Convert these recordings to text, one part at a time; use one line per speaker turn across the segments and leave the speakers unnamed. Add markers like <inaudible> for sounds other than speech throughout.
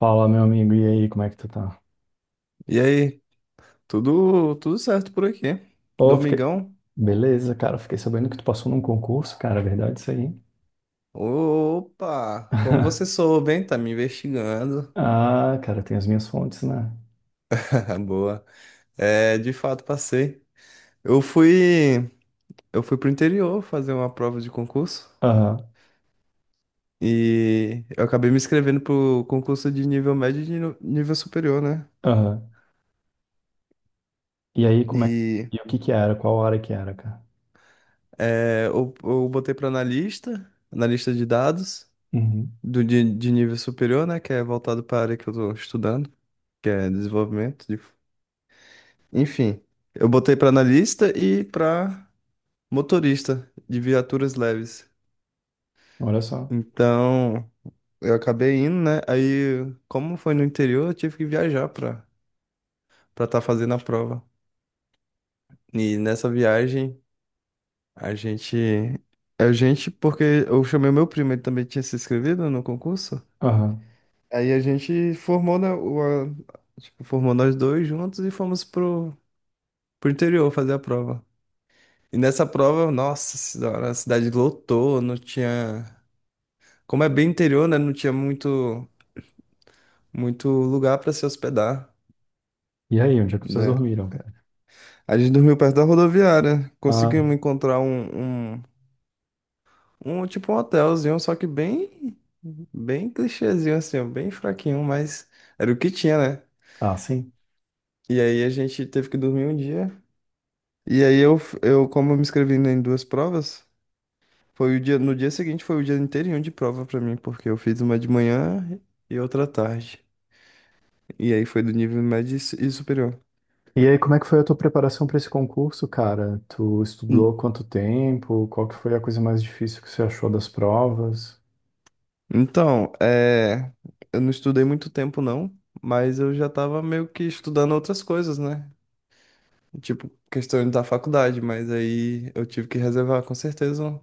Fala, meu amigo, e aí, como é que tu tá?
E aí, tudo certo por aqui?
Ô, fiquei...
Domingão?
Beleza, cara, fiquei sabendo que tu passou num concurso, cara, é verdade isso aí? Hein?
Opa, como você
<laughs>
soube, hein? Tá me investigando.
Ah, cara, tem as minhas fontes, né?
<laughs> Boa. É, de fato passei. Eu fui eu fui pro interior fazer uma prova de concurso
Aham,
e eu acabei me inscrevendo pro concurso de nível médio e de nível superior, né?
aham. E aí, como é que...
E
E o que que era? Qual área que era, cara?
eu botei para analista, analista de dados
Uhum.
de nível superior, né? Que é voltado para a área que eu estou estudando, que é desenvolvimento de. Enfim, eu botei pra analista e pra motorista de viaturas leves.
Olha só.
Então, eu acabei indo, né? Aí, como foi no interior, eu tive que viajar pra para estar fazendo a prova. E nessa viagem, a gente a gente porque eu chamei o meu primo, ele também tinha se inscrevido no concurso.
Aham.
Aí a gente formou, né, tipo, formou nós dois juntos e fomos pro interior fazer a prova. E nessa prova, nossa senhora, a cidade lotou, não tinha. Como é bem interior, né? Não tinha muito lugar para se hospedar,
E aí, onde é que vocês
né?
dormiram, cara?
A gente dormiu perto da rodoviária,
Ah,
conseguimos encontrar um tipo um hotelzinho, só que bem clichêzinho, assim, ó, bem fraquinho, mas era o que tinha, né?
ah, sim.
E aí a gente teve que dormir um dia. E aí eu como eu me inscrevi em duas provas. No dia seguinte foi o dia inteirinho de prova pra mim, porque eu fiz uma de manhã e outra à tarde. E aí foi do nível médio e e superior.
E aí, como é que foi a tua preparação para esse concurso, cara? Tu
En-
estudou quanto tempo? Qual que foi a coisa mais difícil que você achou das provas?
Então, eu não estudei muito tempo não, mas eu já tava meio que estudando outras coisas, né? Tipo, questões da faculdade, mas aí eu tive que reservar com certeza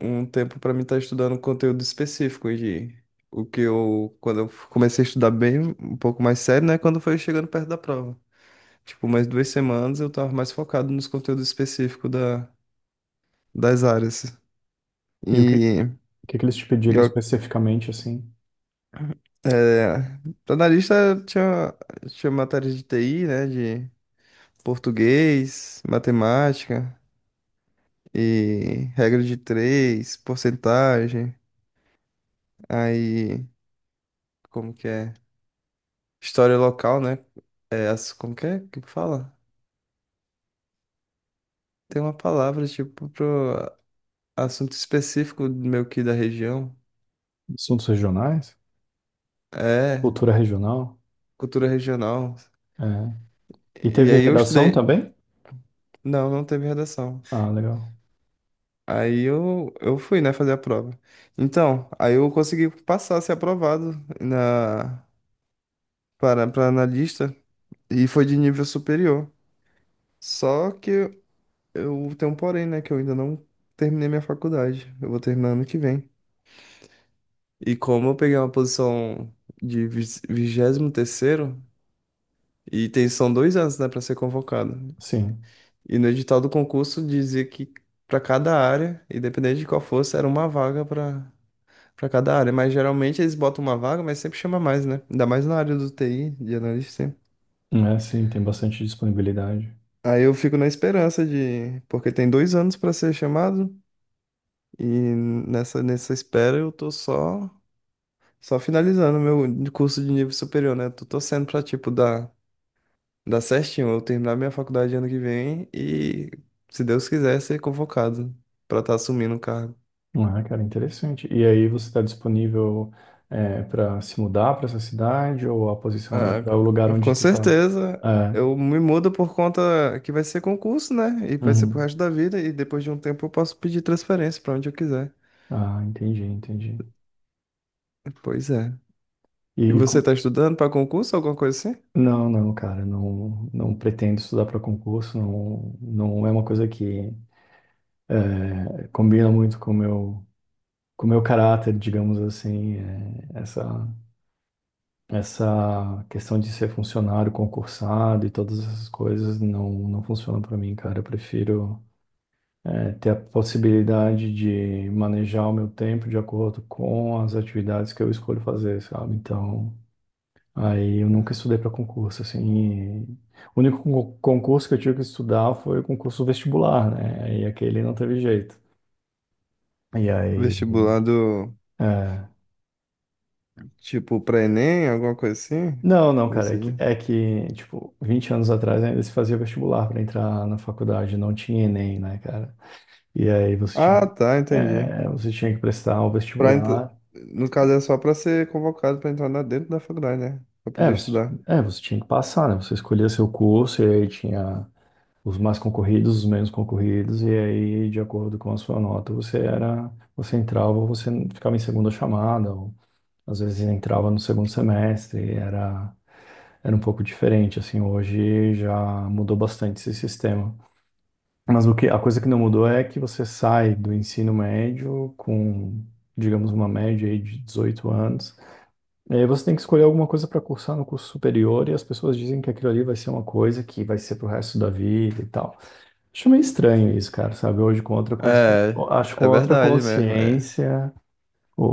um tempo pra mim estar estudando conteúdo específico de o que eu quando eu comecei a estudar bem, um pouco mais sério, né, quando foi chegando perto da prova. Tipo, mais duas semanas eu tava mais focado nos conteúdos específicos das áreas.
E o
E,
que que eles te
e
pediram
eu,
especificamente, assim?
é, pra analista tinha matéria de TI, né? De português, matemática e regra de três, porcentagem. Aí, como que é? História local, né? É, como que é que fala? Tem uma palavra, tipo, pro assunto específico meio que da região.
Assuntos regionais?
É,
Cultura regional?
cultura regional.
É. E
E
teve
aí eu
redação
estudei.
também?
Não, não teve redação.
Ah, legal.
Aí eu fui, né, fazer a prova. Então, aí eu consegui passar, ser aprovado na, para, para analista e foi de nível superior. Só que eu tenho um porém, né, que eu ainda não terminei minha faculdade. Eu vou terminar ano que vem. E como eu peguei uma posição de vigésimo terceiro, e tem, são dois anos, né, para ser convocado.
Sim.
E no edital do concurso dizia que para cada área, independente de qual fosse, era uma vaga para para cada área. Mas geralmente eles botam uma vaga, mas sempre chama mais, né? Ainda mais na área do TI, de analista.
É, sim, tem bastante disponibilidade.
Aí eu fico na esperança de. Porque tem dois anos para ser chamado, e nessa espera eu tô só finalizando meu curso de nível superior, né? Tô torcendo pra, tipo, dar certinho, eu terminar minha faculdade ano que vem e, se Deus quiser, ser convocado pra estar assumindo o cargo.
Ah, cara, interessante. E aí você está disponível para se mudar para essa cidade ou a posição era
Ah,
para o lugar onde
com
tu tá?
certeza.
É.
Eu me mudo por conta que vai ser concurso, né? E vai ser pro
Uhum.
resto da vida. E depois de um tempo eu posso pedir transferência pra onde eu quiser.
Ah, entendi, entendi.
Pois é. E
E
você
com-
tá estudando pra concurso, alguma coisa assim?
não, não, cara, não, não pretendo estudar para concurso, não, não é uma coisa que é, combina muito com o meu caráter, digamos assim, é, essa questão de ser funcionário, concursado e todas essas coisas não funciona para mim, cara. Eu prefiro é, ter a possibilidade de manejar o meu tempo de acordo com as atividades que eu escolho fazer, sabe? Então, aí eu nunca estudei para concurso, assim. E o único con- concurso que eu tive que estudar foi o concurso vestibular, né? E aquele não teve jeito. E aí,
Vestibular do
é,
tipo pra Enem, alguma coisa assim?
não, não, cara,
Você diz?
é que, tipo, 20 anos atrás ainda se fazia vestibular para entrar na faculdade, não tinha Enem, né, cara? E aí você tinha,
Ah,
que-
tá, entendi.
é, você tinha que prestar o
Pra ent-
vestibular.
No caso é só pra ser convocado pra entrar lá dentro da faculdade, né? Pra
É
poder
você,
estudar.
é, você tinha que passar, né? Você escolhia seu curso e aí tinha os mais concorridos, os menos concorridos, e aí, de acordo com a sua nota, você era, você entrava ou você ficava em segunda chamada, ou às vezes entrava no segundo semestre, era, era um pouco diferente, assim, hoje já mudou bastante esse sistema. Mas o que, a coisa que não mudou é que você sai do ensino médio com, digamos, uma média aí de 18 anos. E aí você tem que escolher alguma coisa para cursar no curso superior e as pessoas dizem que aquilo ali vai ser uma coisa que vai ser pro resto da vida e tal. Acho meio estranho isso, cara, sabe? Hoje com outra consciência,
É,
acho com
é
outra
verdade mesmo. É,
consciência,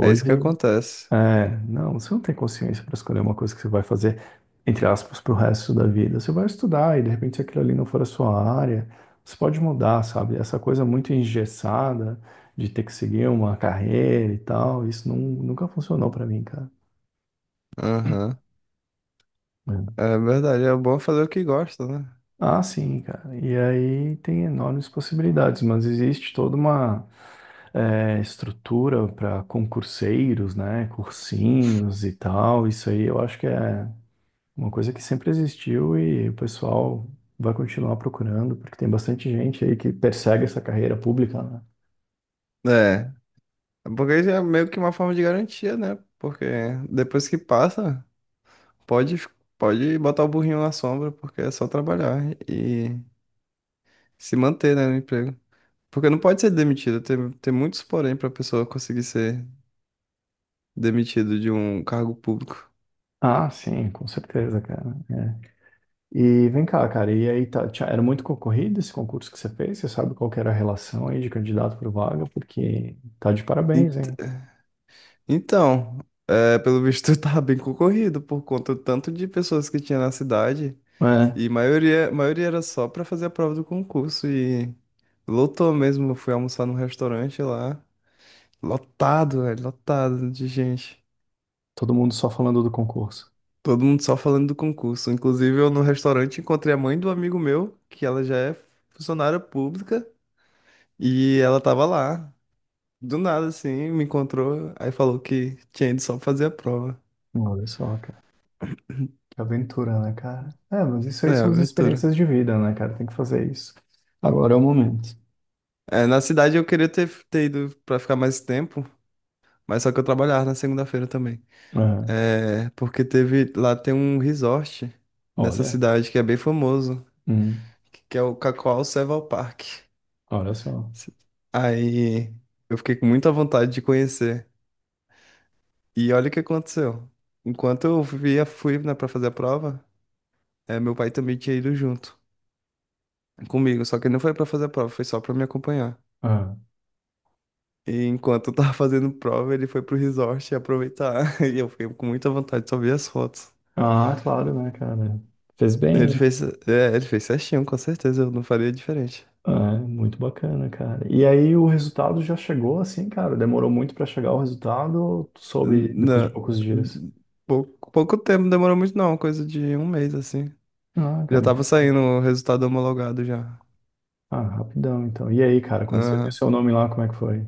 é isso que acontece.
é, não, você não tem consciência para escolher uma coisa que você vai fazer, entre aspas, pro resto da vida. Você vai estudar e de repente se aquilo ali não for a sua área, você pode mudar, sabe? Essa coisa muito engessada de ter que seguir uma carreira e tal, isso não, nunca funcionou para mim, cara.
Aham.
É.
É verdade, é bom fazer o que gosta, né?
Ah, sim, cara. E aí tem enormes possibilidades, mas existe toda uma estrutura para concurseiros, né? Cursinhos e tal. Isso aí eu acho que é. Uma coisa que sempre existiu e o pessoal vai continuar procurando, porque tem bastante gente aí que persegue essa carreira pública, né?
É, porque isso é meio que uma forma de garantia, né? Porque depois que passa, pode, pode botar o burrinho na sombra, porque é só trabalhar e se manter, né, no emprego. Porque não pode ser demitido, tem muitos porém para a pessoa conseguir ser demitido de um cargo público.
Ah, sim, com certeza, cara. É. E vem cá, cara, e aí tá, tinha- era muito concorrido esse concurso que você fez? Você sabe qual que era a relação aí de candidato por vaga? Porque tá de parabéns,
En-
hein?
Então, pelo visto, <laughs> tá bem concorrido por conta do tanto de pessoas que tinha na cidade.
É,
E maioria era só pra fazer a prova do concurso e lotou mesmo. Eu fui almoçar num restaurante lá, lotado, velho, lotado de gente.
todo mundo só falando do concurso.
Todo mundo só falando do concurso. Inclusive, eu no restaurante encontrei a mãe do amigo meu, que ela já é funcionária pública, e ela tava lá. Do nada, assim, me encontrou, aí falou que tinha ido só pra fazer a prova.
Olha só, cara, que aventura, né, cara? É, mas isso
É,
aí são as
aventura.
experiências de vida, né, cara? Tem que fazer isso. Agora é o momento.
É, na cidade eu queria ter ido pra ficar mais tempo, mas só que eu trabalhava na segunda-feira também.
É,
É, porque teve, lá tem um resort nessa
olha.
cidade que é bem famoso,
Hum.
que é o Cacoal Serval Park.
Olha só.
Aí eu fiquei com muita vontade de conhecer. E olha o que aconteceu. Enquanto eu via, fui, né, pra fazer a prova, meu pai também tinha ido junto comigo, só que ele não foi pra fazer a prova, foi só pra me acompanhar.
Ah,
E enquanto eu tava <laughs> fazendo prova, ele foi pro resort aproveitar. <laughs> E eu fiquei com muita vontade de só ver as fotos.
ah, claro, né, cara? Fez
Ele
bem.
fez, é, ele fez certinho, com certeza, eu não faria diferente.
É, muito bacana, cara. E aí o resultado já chegou assim, cara? Demorou muito pra chegar o resultado ou tu soube depois de
Não,
poucos dias?
pouco tempo, demorou muito não, coisa de um mês assim.
Ah,
Já
cara, não
tava
precisa.
saindo o resultado homologado já.
Ah, rapidão, então. E aí, cara, quando você viu
Aham.
seu nome lá, como é que foi?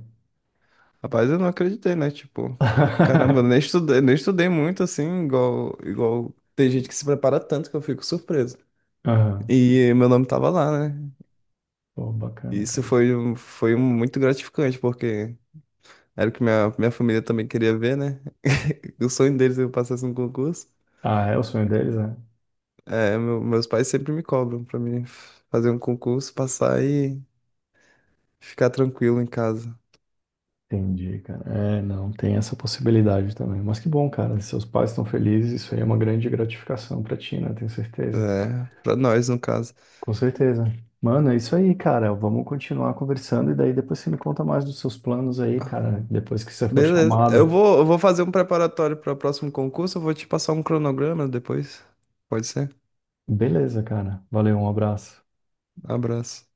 Rapaz, eu não acreditei, né? Tipo, caramba, eu nem
<laughs>
estudei, nem estudei muito assim, igual tem gente que se prepara tanto que eu fico surpreso.
Aham.
E meu nome tava lá, né?
Pô, bacana, cara.
Foi um muito gratificante, porque era o que minha família também queria ver, né? <laughs> O sonho deles é que eu passasse um concurso.
Ah, é o sonho deles, né?
É, meus pais sempre me cobram pra mim fazer um concurso, passar e ficar tranquilo em casa.
Entendi, cara. É, não, tem essa possibilidade também. Mas que bom, cara. Seus pais estão felizes, isso aí é uma grande gratificação pra ti, né? Tenho certeza.
É, pra nós, no caso.
Com certeza. Mano, é isso aí, cara. Vamos continuar conversando e daí depois você me conta mais dos seus planos aí, cara. Depois que você for
Beleza.
chamado.
Eu vou fazer um preparatório para o próximo concurso. Eu vou te passar um cronograma depois. Pode ser?
Beleza, cara. Valeu, um abraço.
Abraço.